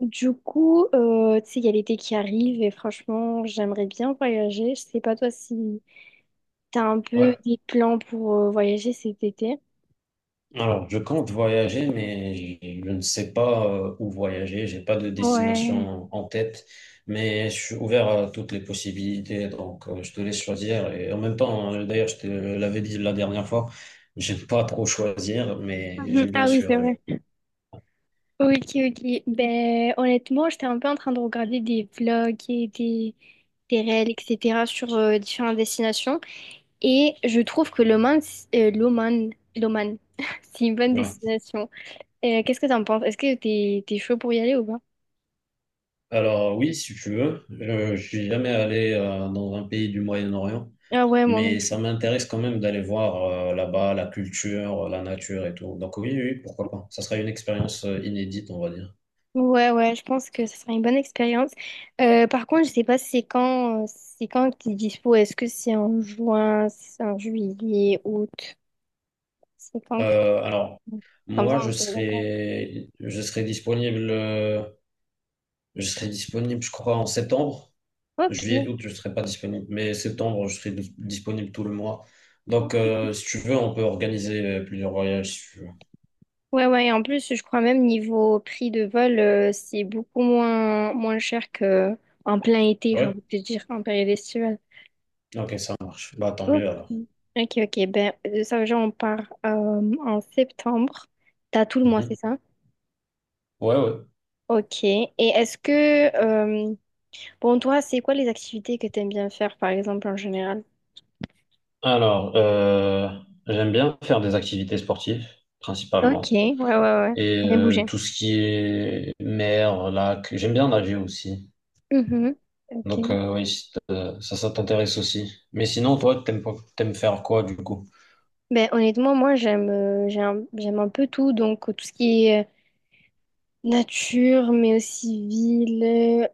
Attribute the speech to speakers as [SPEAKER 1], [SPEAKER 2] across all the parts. [SPEAKER 1] Du coup, tu sais, il y a l'été qui arrive et franchement, j'aimerais bien voyager. Je sais pas toi si t'as un peu
[SPEAKER 2] Ouais.
[SPEAKER 1] des plans pour voyager cet été.
[SPEAKER 2] Alors, je compte voyager, mais je ne sais pas où voyager. J'ai pas de
[SPEAKER 1] Ouais.
[SPEAKER 2] destination en tête, mais je suis ouvert à toutes les possibilités. Donc, je te laisse choisir. Et en même temps, d'ailleurs, je te l'avais dit la dernière fois, j'aime pas trop choisir, mais
[SPEAKER 1] Mhm.
[SPEAKER 2] j'aime bien
[SPEAKER 1] Ah oui, c'est
[SPEAKER 2] sûr.
[SPEAKER 1] vrai. Ok, ok. Ben, honnêtement, j'étais un peu en train de regarder des vlogs et des réels, etc. sur différentes destinations. Et je trouve que l'Oman, c'est une bonne
[SPEAKER 2] Ouais.
[SPEAKER 1] destination. Qu'est-ce que t'en penses? Est-ce que t'es chaud pour y aller ou pas?
[SPEAKER 2] Alors oui, si tu veux, je suis jamais allé dans un pays du Moyen-Orient,
[SPEAKER 1] Ah ouais, moi non.
[SPEAKER 2] mais ça m'intéresse quand même d'aller voir là-bas la culture, la nature et tout. Donc oui, oui, pourquoi pas. Ça serait une expérience inédite, on va dire.
[SPEAKER 1] Ouais, ouais, je pense que ce sera une bonne expérience. Par contre, je sais pas c'est quand que t'es dispo. Est-ce que c'est en juin, c'est en juillet, août? C'est quand que-
[SPEAKER 2] Alors
[SPEAKER 1] Comme ça,
[SPEAKER 2] moi,
[SPEAKER 1] on se met d'accord.
[SPEAKER 2] je serai disponible, je serai disponible, je crois, en septembre. Juillet,
[SPEAKER 1] Ok,
[SPEAKER 2] août, je serai pas disponible, mais septembre, je serai disponible tout le mois. Donc
[SPEAKER 1] ok.
[SPEAKER 2] si tu veux, on peut organiser plusieurs voyages. Si tu veux.
[SPEAKER 1] Ouais, ouais, et en plus, je crois même niveau prix de vol, c'est beaucoup moins cher que en plein été, j'ai
[SPEAKER 2] Ouais.
[SPEAKER 1] envie de te dire, en période estivale.
[SPEAKER 2] Ok, ça marche. Bah, tant
[SPEAKER 1] Ok.
[SPEAKER 2] mieux alors.
[SPEAKER 1] Ok, ok, ben, de ça, genre, on part en septembre. T'as tout le mois, c'est
[SPEAKER 2] Mhm.
[SPEAKER 1] ça?
[SPEAKER 2] Ouais, ouais.
[SPEAKER 1] Ok. Et est-ce que euh, bon, toi, c'est quoi les activités que t'aimes bien faire, par exemple, en général?
[SPEAKER 2] Alors, j'aime bien faire des activités sportives,
[SPEAKER 1] Ok,
[SPEAKER 2] principalement.
[SPEAKER 1] ouais, ouais, ouais.
[SPEAKER 2] Et
[SPEAKER 1] Bien bouger.
[SPEAKER 2] tout ce qui est mer, lac, j'aime bien nager aussi.
[SPEAKER 1] Mhm,
[SPEAKER 2] Donc,
[SPEAKER 1] ok.
[SPEAKER 2] oui, si t- ça, ça t'intéresse aussi. Mais sinon, toi, t'aimes pas- t'aimes faire quoi du coup?
[SPEAKER 1] Ben, honnêtement, moi, j'aime un peu tout. Donc, tout ce qui est nature, mais aussi ville.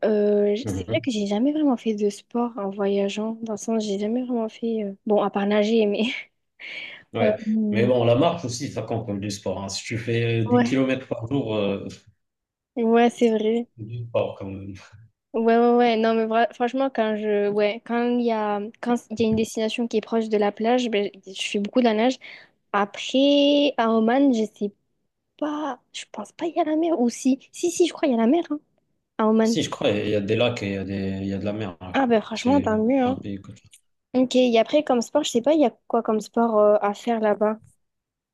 [SPEAKER 1] C'est vrai
[SPEAKER 2] Mhm.
[SPEAKER 1] que j'ai jamais vraiment fait de sport en voyageant. Dans le sens, j'ai jamais vraiment fait. Bon, à part nager, mais.
[SPEAKER 2] Ouais. Mais
[SPEAKER 1] euh,
[SPEAKER 2] bon, la marche aussi, ça compte comme du sport, hein. Si tu fais dix
[SPEAKER 1] ouais,
[SPEAKER 2] kilomètres par jour,
[SPEAKER 1] ouais, c'est vrai.
[SPEAKER 2] c'est du sport quand même.
[SPEAKER 1] Ouais, ouais, ouais. Non, mais franchement, quand je. Ouais, quand il y a une destination qui est proche de la plage, ben, je fais beaucoup de la nage. Après, à Oman, je sais pas. Je pense pas qu'il y a la mer ou si je crois qu'il y a la mer hein, à Oman.
[SPEAKER 2] Si, je crois, il y a des lacs et il y a il y a de la mer, ouais.
[SPEAKER 1] Ah ben franchement,
[SPEAKER 2] C'est
[SPEAKER 1] tant mieux.
[SPEAKER 2] un
[SPEAKER 1] Hein.
[SPEAKER 2] pays que
[SPEAKER 1] Ok, et après, comme sport, je sais pas, il y a quoi comme sport à faire là-bas?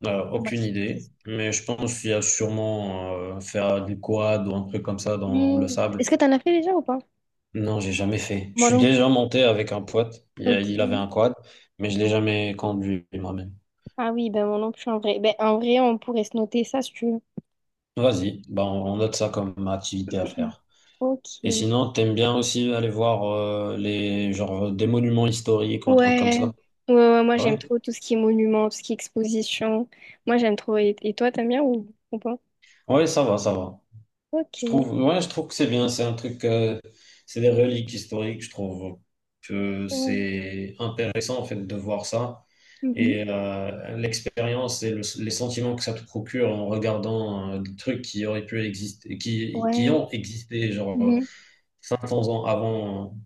[SPEAKER 1] Comme
[SPEAKER 2] Aucune
[SPEAKER 1] activité.
[SPEAKER 2] idée, mais je pense qu'il y a sûrement faire du quad ou un truc comme ça dans
[SPEAKER 1] Hmm,
[SPEAKER 2] le sable.
[SPEAKER 1] est-ce que t'en as fait déjà ou pas?
[SPEAKER 2] Non, j'ai jamais fait. Je
[SPEAKER 1] Moi
[SPEAKER 2] suis
[SPEAKER 1] non plus.
[SPEAKER 2] déjà monté avec un pote.
[SPEAKER 1] Ok.
[SPEAKER 2] Il avait un quad, mais je l'ai jamais conduit moi-même.
[SPEAKER 1] Ah oui, ben moi non plus en vrai. Ben en vrai, on pourrait se noter ça si tu veux.
[SPEAKER 2] Vas-y, ben on note ça comme activité à faire. Et
[SPEAKER 1] Ok.
[SPEAKER 2] sinon, t'aimes bien aussi aller voir les genre des monuments historiques ou un truc comme
[SPEAKER 1] Ouais.
[SPEAKER 2] ça.
[SPEAKER 1] Ouais, ouais, moi
[SPEAKER 2] Ah
[SPEAKER 1] j'aime
[SPEAKER 2] ouais?
[SPEAKER 1] trop tout ce qui est monument, tout ce qui est exposition. Moi j'aime trop. Et toi, t'aimes bien ou pas?
[SPEAKER 2] Ouais, ça va, ça va. Je
[SPEAKER 1] Ok.
[SPEAKER 2] trouve, ouais, je trouve que c'est bien. C'est un truc, c'est des reliques historiques. Je trouve que
[SPEAKER 1] Ouais.
[SPEAKER 2] c'est intéressant en fait de voir ça
[SPEAKER 1] Mhm.
[SPEAKER 2] et l'expérience et les sentiments que ça te procure en regardant des trucs qui auraient pu exister, qui
[SPEAKER 1] Ouais.
[SPEAKER 2] ont existé genre
[SPEAKER 1] Mhm.
[SPEAKER 2] 500 ans avant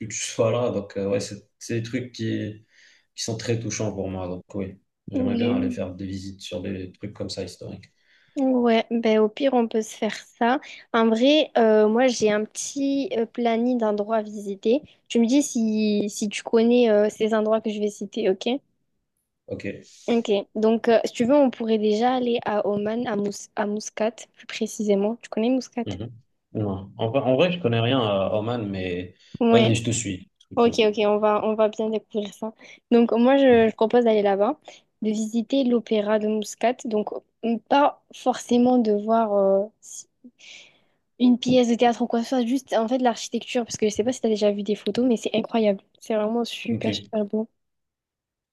[SPEAKER 2] que tu sois là. Donc ouais, c'est des trucs qui sont très touchants pour moi. Donc oui, j'aimerais bien aller
[SPEAKER 1] Oui.
[SPEAKER 2] faire des visites sur des trucs comme ça historiques.
[SPEAKER 1] Ouais, ben au pire on peut se faire ça. En vrai, moi j'ai un petit planning d'endroits à visiter. Tu me dis si tu connais ces endroits que je vais citer, ok?
[SPEAKER 2] Ok.
[SPEAKER 1] Ok. Donc si tu veux, on pourrait déjà aller à Oman, à Muscat, plus précisément. Tu connais Muscat?
[SPEAKER 2] Mhm. Non. En vrai, je connais rien à Oman, mais vas-y,
[SPEAKER 1] Ouais.
[SPEAKER 2] je te suis.
[SPEAKER 1] Ok,
[SPEAKER 2] Mhm.
[SPEAKER 1] ok, on va bien découvrir ça. Donc je propose d'aller là-bas, de visiter l'opéra de Muscat. Donc pas forcément de voir. Si Une pièce de théâtre ou quoi que ce soit, juste en fait l'architecture, parce que je sais pas si t'as déjà vu des photos, mais c'est incroyable. C'est vraiment
[SPEAKER 2] Ok,
[SPEAKER 1] super, super beau.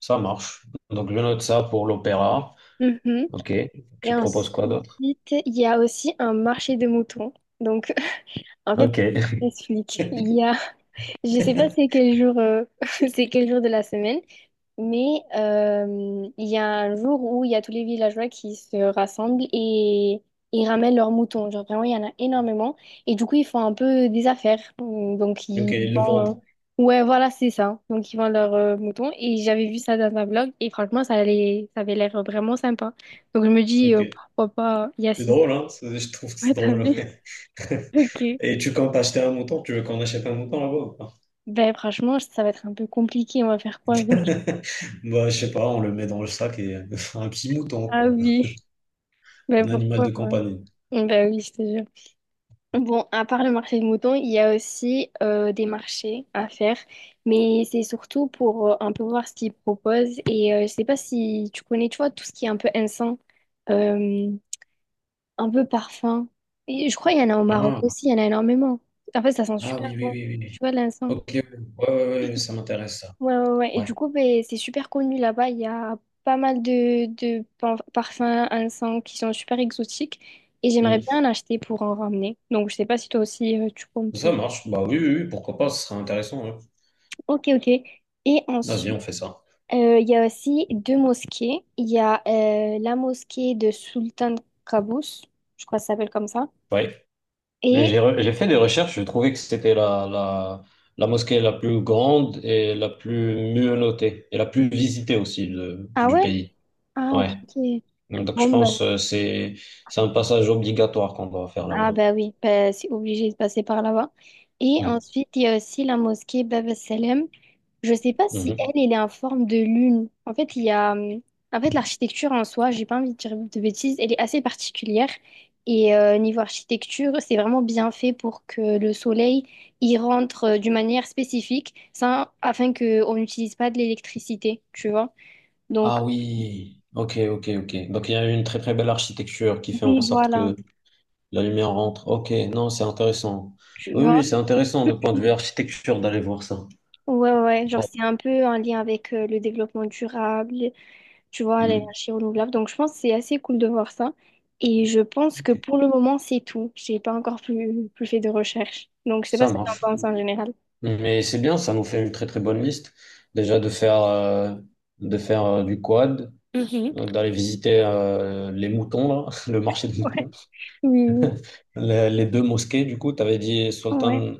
[SPEAKER 2] ça marche. Donc, je note ça pour l'opéra.
[SPEAKER 1] Mhm.
[SPEAKER 2] Ok,
[SPEAKER 1] Et
[SPEAKER 2] tu proposes
[SPEAKER 1] ensuite,
[SPEAKER 2] quoi d'autre?
[SPEAKER 1] il y a aussi un marché de moutons. Donc, En fait,
[SPEAKER 2] Ok.
[SPEAKER 1] j'explique. Je sais pas c'est quel jour, c'est quel jour de la semaine, mais il y a un jour où il y a tous les villageois qui se rassemblent et ils ramènent leurs moutons. Genre vraiment, il y en a énormément. Et du coup, ils font un peu des affaires. Donc,
[SPEAKER 2] Ok, le vendre.
[SPEAKER 1] ouais, voilà, c'est ça. Donc, ils vendent leurs moutons. Et j'avais vu ça dans un blog et franchement, ça avait l'air vraiment sympa. Donc, je me dis,
[SPEAKER 2] Ok.
[SPEAKER 1] pourquoi pas il y
[SPEAKER 2] C'est
[SPEAKER 1] assister.
[SPEAKER 2] drôle, hein? C'est- Je trouve que c'est
[SPEAKER 1] Ouais, t'as
[SPEAKER 2] drôle,
[SPEAKER 1] vu?
[SPEAKER 2] ouais.
[SPEAKER 1] Ok.
[SPEAKER 2] Et tu comptes acheter un mouton? Tu veux qu'on achète un mouton là-bas ou pas?
[SPEAKER 1] Ben franchement, ça va être un peu compliqué. On va faire quoi avec?
[SPEAKER 2] Bah, je sais pas, on le met dans le sac et un petit mouton,
[SPEAKER 1] Ah
[SPEAKER 2] quoi.
[SPEAKER 1] oui. Ben
[SPEAKER 2] Un animal
[SPEAKER 1] pourquoi
[SPEAKER 2] de
[SPEAKER 1] pas?
[SPEAKER 2] compagnie.
[SPEAKER 1] Ben oui, je te jure. Bon, à part le marché de moutons, il y a aussi des marchés à faire, mais c'est surtout pour un peu voir ce qu'ils proposent. Et je sais pas si tu connais, tu vois, tout ce qui est un peu encens, euh, un peu parfum. Et je crois qu'il y en a au Maroc
[SPEAKER 2] Ah,
[SPEAKER 1] aussi, il y en a énormément. En fait, ça sent
[SPEAKER 2] ah
[SPEAKER 1] super
[SPEAKER 2] oui, oui,
[SPEAKER 1] bon.
[SPEAKER 2] oui, oui,
[SPEAKER 1] Tu
[SPEAKER 2] oui.
[SPEAKER 1] vois, de l'encens.
[SPEAKER 2] Ok, ouais, ouais, ouais, ouais, ça m'intéresse ça.
[SPEAKER 1] Ouais, ouais, ouais. Et du
[SPEAKER 2] Ouais.
[SPEAKER 1] coup, ben, c'est super connu là-bas. Il y a pas mal parfums, encens qui sont super exotiques. Et
[SPEAKER 2] Hmm.
[SPEAKER 1] j'aimerais bien en acheter pour en ramener. Donc, je sais pas si toi aussi, tu comptes.
[SPEAKER 2] Ça marche. Bah oui, oui, oui, pourquoi pas, ce sera intéressant, ouais.
[SPEAKER 1] Ok, ok. Et
[SPEAKER 2] Vas-y,
[SPEAKER 1] ensuite,
[SPEAKER 2] on fait ça.
[SPEAKER 1] il y a aussi deux mosquées. Il y a la mosquée de Sultan Qaboos. Je crois que ça s'appelle comme ça.
[SPEAKER 2] Ouais.
[SPEAKER 1] Et...
[SPEAKER 2] J'ai fait des recherches, je trouvais que c'était la mosquée la plus grande et la plus mieux notée et la plus visitée aussi
[SPEAKER 1] Ah
[SPEAKER 2] du
[SPEAKER 1] ouais?
[SPEAKER 2] pays.
[SPEAKER 1] Ah, ok,
[SPEAKER 2] Ouais.
[SPEAKER 1] ok.
[SPEAKER 2] Donc je
[SPEAKER 1] Bon, ben,
[SPEAKER 2] pense que c'est un passage obligatoire qu'on doit faire
[SPEAKER 1] ah
[SPEAKER 2] là-bas.
[SPEAKER 1] bah oui, bah, c'est obligé de passer par là-bas. Et
[SPEAKER 2] Mm.
[SPEAKER 1] ensuite, il y a aussi la mosquée Bab el Salem. Je sais pas si
[SPEAKER 2] Mhm.
[SPEAKER 1] elle, elle est en forme de lune. En fait, il y a... En fait, l'architecture en soi, j'ai pas envie de dire de bêtises, elle est assez particulière. Et niveau architecture, c'est vraiment bien fait pour que le soleil y rentre d'une manière spécifique, ça, afin qu'on n'utilise pas de l'électricité, tu vois. Donc,
[SPEAKER 2] Ah oui, ok, ok, ok. Donc il y a une très très belle architecture qui fait en
[SPEAKER 1] oui,
[SPEAKER 2] sorte
[SPEAKER 1] voilà,
[SPEAKER 2] que la lumière rentre. Ok, non, c'est intéressant.
[SPEAKER 1] tu
[SPEAKER 2] Oui, oui,
[SPEAKER 1] vois.
[SPEAKER 2] c'est intéressant de point de vue architecture d'aller voir ça.
[SPEAKER 1] Ouais, ouais, ouais. Genre
[SPEAKER 2] Bon.
[SPEAKER 1] c'est un peu en lien avec le développement durable, tu vois, à
[SPEAKER 2] Mm.
[SPEAKER 1] l'énergie renouvelable. Donc, je pense que c'est assez cool de voir ça. Et je pense que
[SPEAKER 2] Ok.
[SPEAKER 1] pour le moment, c'est tout. J'ai pas encore plus fait de recherche. Donc, je sais pas
[SPEAKER 2] Ça
[SPEAKER 1] ce que tu en
[SPEAKER 2] marche.
[SPEAKER 1] penses en général.
[SPEAKER 2] Mais c'est bien, ça nous fait une très très bonne liste. Déjà de faire du quad,
[SPEAKER 1] Mhm.
[SPEAKER 2] d'aller visiter les moutons, là, le marché des
[SPEAKER 1] Ouais.
[SPEAKER 2] moutons.
[SPEAKER 1] Oui,
[SPEAKER 2] Les deux mosquées, du coup, tu avais dit
[SPEAKER 1] ouais,
[SPEAKER 2] Sultan,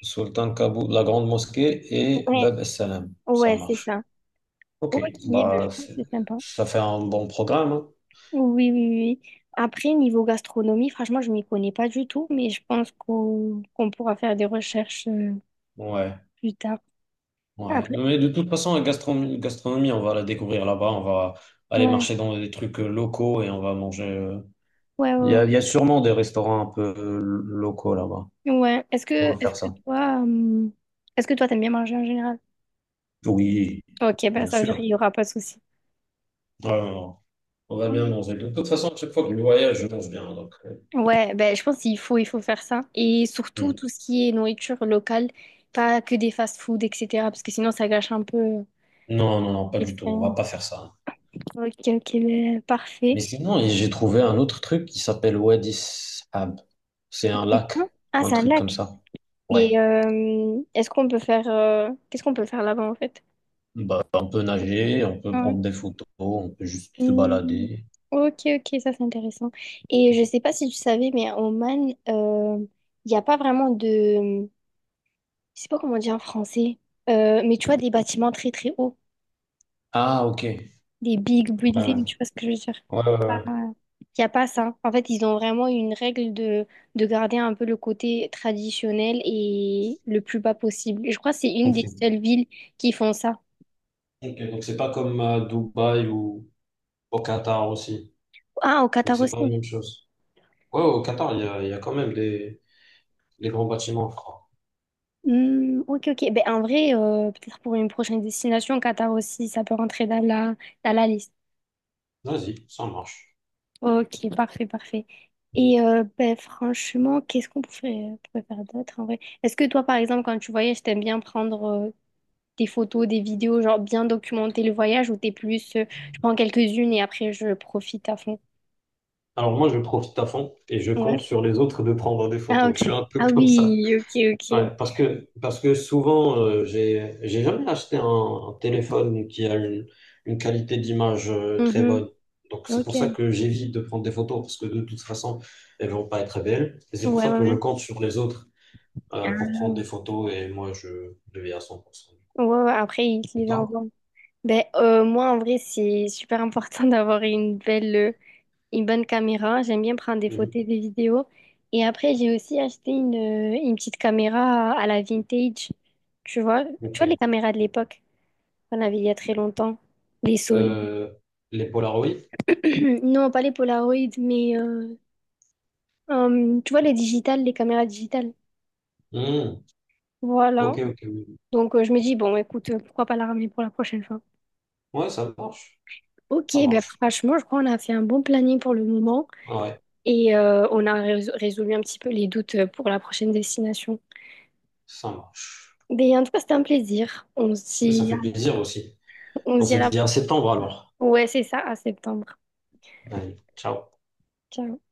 [SPEAKER 2] Sultan Kaboul, la grande mosquée, et
[SPEAKER 1] ouais,
[SPEAKER 2] Bab es Salam. Ça
[SPEAKER 1] ouais, c'est
[SPEAKER 2] marche.
[SPEAKER 1] ça.
[SPEAKER 2] Ok,
[SPEAKER 1] Ok, ben, je
[SPEAKER 2] bah,
[SPEAKER 1] pense que
[SPEAKER 2] c'est-
[SPEAKER 1] c'est sympa.
[SPEAKER 2] ça fait un bon programme, hein.
[SPEAKER 1] Oui, oui, oui. Après, niveau gastronomie, franchement, je m'y connais pas du tout, mais je pense qu'on pourra faire des recherches
[SPEAKER 2] Ouais,
[SPEAKER 1] plus tard.
[SPEAKER 2] ouais.
[SPEAKER 1] Après,
[SPEAKER 2] Mais de toute façon, gastronomie, on va la découvrir là-bas. On va aller
[SPEAKER 1] ouais,
[SPEAKER 2] marcher dans des trucs locaux et on va manger,
[SPEAKER 1] ouais,
[SPEAKER 2] Il y a
[SPEAKER 1] ouais.
[SPEAKER 2] sûrement des restaurants un peu locaux là-bas.
[SPEAKER 1] Ouais. Ouais.
[SPEAKER 2] Comment
[SPEAKER 1] Est-ce
[SPEAKER 2] faire
[SPEAKER 1] que
[SPEAKER 2] ça?
[SPEAKER 1] toi, t'aimes bien manger en général?
[SPEAKER 2] Oui,
[SPEAKER 1] Ok, bah
[SPEAKER 2] bien
[SPEAKER 1] ça,
[SPEAKER 2] sûr.
[SPEAKER 1] il n'y aura pas de souci.
[SPEAKER 2] Non, non, non. On va bien manger. De toute façon, à chaque fois que je voyage, je mange bien.
[SPEAKER 1] Ouais, ben je pense il faut faire ça. Et surtout,
[SPEAKER 2] Hmm.
[SPEAKER 1] tout ce qui est nourriture locale, pas que des fast-food, etc. Parce que sinon, ça gâche un peu
[SPEAKER 2] Non, non, non, pas du tout. On va
[SPEAKER 1] l'expérience.
[SPEAKER 2] pas faire ça.
[SPEAKER 1] Ok, ok, ben,
[SPEAKER 2] Mais
[SPEAKER 1] parfait.
[SPEAKER 2] sinon, et j'ai trouvé un autre truc qui s'appelle Wadi Sab. C'est un
[SPEAKER 1] C'est quoi
[SPEAKER 2] lac,
[SPEAKER 1] ah,
[SPEAKER 2] un
[SPEAKER 1] c'est un
[SPEAKER 2] truc comme
[SPEAKER 1] lac.
[SPEAKER 2] ça.
[SPEAKER 1] Et
[SPEAKER 2] Ouais.
[SPEAKER 1] est-ce qu'on peut faire... qu'est-ce qu'on peut faire là-bas, en fait?
[SPEAKER 2] Bah, on peut nager, on peut
[SPEAKER 1] Ouais.
[SPEAKER 2] prendre des photos, on peut juste se
[SPEAKER 1] Hmm.
[SPEAKER 2] balader.
[SPEAKER 1] Ok, ok, ça c'est intéressant. Et je sais pas si tu savais, mais en Oman, il n'y a pas vraiment de... je sais pas comment on dit en français, mais tu vois, des bâtiments très très hauts,
[SPEAKER 2] Ah, ok. Ouais,
[SPEAKER 1] des big
[SPEAKER 2] ouais,
[SPEAKER 1] buildings, tu vois ce que je veux dire?
[SPEAKER 2] ouais, ouais, ouais.
[SPEAKER 1] Il n'y a pas ça. En fait, ils ont vraiment une règle de garder un peu le côté traditionnel et le plus bas possible. Et je crois que c'est une
[SPEAKER 2] Ok.
[SPEAKER 1] des seules villes qui font ça.
[SPEAKER 2] Ok, donc c'est pas comme à Dubaï ou au Qatar aussi.
[SPEAKER 1] Ah, au
[SPEAKER 2] Donc
[SPEAKER 1] Qatar
[SPEAKER 2] c'est pas la
[SPEAKER 1] aussi.
[SPEAKER 2] même chose. Ouais, au Qatar, il y a quand même des grands bâtiments à faire.
[SPEAKER 1] Hmm, ok, ok. Ben, en vrai, peut-être pour une prochaine destination, Qatar aussi, ça peut rentrer dans dans la liste.
[SPEAKER 2] Vas-y, ça marche.
[SPEAKER 1] Ok, parfait, parfait. Et ben, franchement, qu'est-ce pourrait faire d'autre en vrai? Est-ce que toi, par exemple, quand tu voyages, t'aimes bien prendre des photos, des vidéos, genre bien documenter le voyage ou je prends quelques-unes et après je profite à fond?
[SPEAKER 2] Alors moi, je profite à fond et je compte
[SPEAKER 1] Ouais.
[SPEAKER 2] sur les autres de prendre des
[SPEAKER 1] Ah,
[SPEAKER 2] photos.
[SPEAKER 1] ok.
[SPEAKER 2] Je suis un peu
[SPEAKER 1] Ah
[SPEAKER 2] comme ça.
[SPEAKER 1] oui, ok, ok.
[SPEAKER 2] Ouais, parce que souvent, j'ai jamais acheté un téléphone qui a une qualité d'image très
[SPEAKER 1] Mhm.
[SPEAKER 2] bonne. Donc c'est pour ça
[SPEAKER 1] Ok.
[SPEAKER 2] que j'évite de prendre des photos parce que de toute façon, elles vont pas être belles. Et c'est pour
[SPEAKER 1] Ouais,
[SPEAKER 2] ça
[SPEAKER 1] ouais,
[SPEAKER 2] que je
[SPEAKER 1] ouais.
[SPEAKER 2] compte sur les autres pour prendre des photos et moi, je le vais à 100%.
[SPEAKER 1] Ouais, ouais, après, ils te
[SPEAKER 2] Et
[SPEAKER 1] les
[SPEAKER 2] toi?
[SPEAKER 1] envoient. Ben, moi, en vrai, c'est super important d'avoir une une bonne caméra. J'aime bien prendre des
[SPEAKER 2] Mhm.
[SPEAKER 1] photos, des vidéos. Et après, j'ai aussi acheté une petite caméra à la vintage. Tu
[SPEAKER 2] Ok.
[SPEAKER 1] vois les caméras de l'époque qu'on avait il y a très longtemps. Les Sony.
[SPEAKER 2] Euh, les Polaroids?
[SPEAKER 1] Non, pas les Polaroid, mais tu vois les digitales, les caméras digitales.
[SPEAKER 2] Hmm.
[SPEAKER 1] Voilà.
[SPEAKER 2] Ok, ok, oui.
[SPEAKER 1] Donc je me dis, bon, écoute, pourquoi pas la ramener pour la prochaine fois?
[SPEAKER 2] Ouais, ça marche.
[SPEAKER 1] Ok,
[SPEAKER 2] Ça
[SPEAKER 1] ben
[SPEAKER 2] marche.
[SPEAKER 1] franchement, je crois qu'on a fait un bon planning pour le moment
[SPEAKER 2] Ah ouais,
[SPEAKER 1] et résolu un petit peu les doutes pour la prochaine destination.
[SPEAKER 2] ça marche.
[SPEAKER 1] Mais en tout cas, c'était un plaisir.
[SPEAKER 2] Ça fait plaisir aussi.
[SPEAKER 1] On
[SPEAKER 2] On
[SPEAKER 1] se dit
[SPEAKER 2] se
[SPEAKER 1] à la...
[SPEAKER 2] dit à septembre alors.
[SPEAKER 1] Ouais, c'est ça, à septembre.
[SPEAKER 2] Allez, ciao.
[SPEAKER 1] Ciao.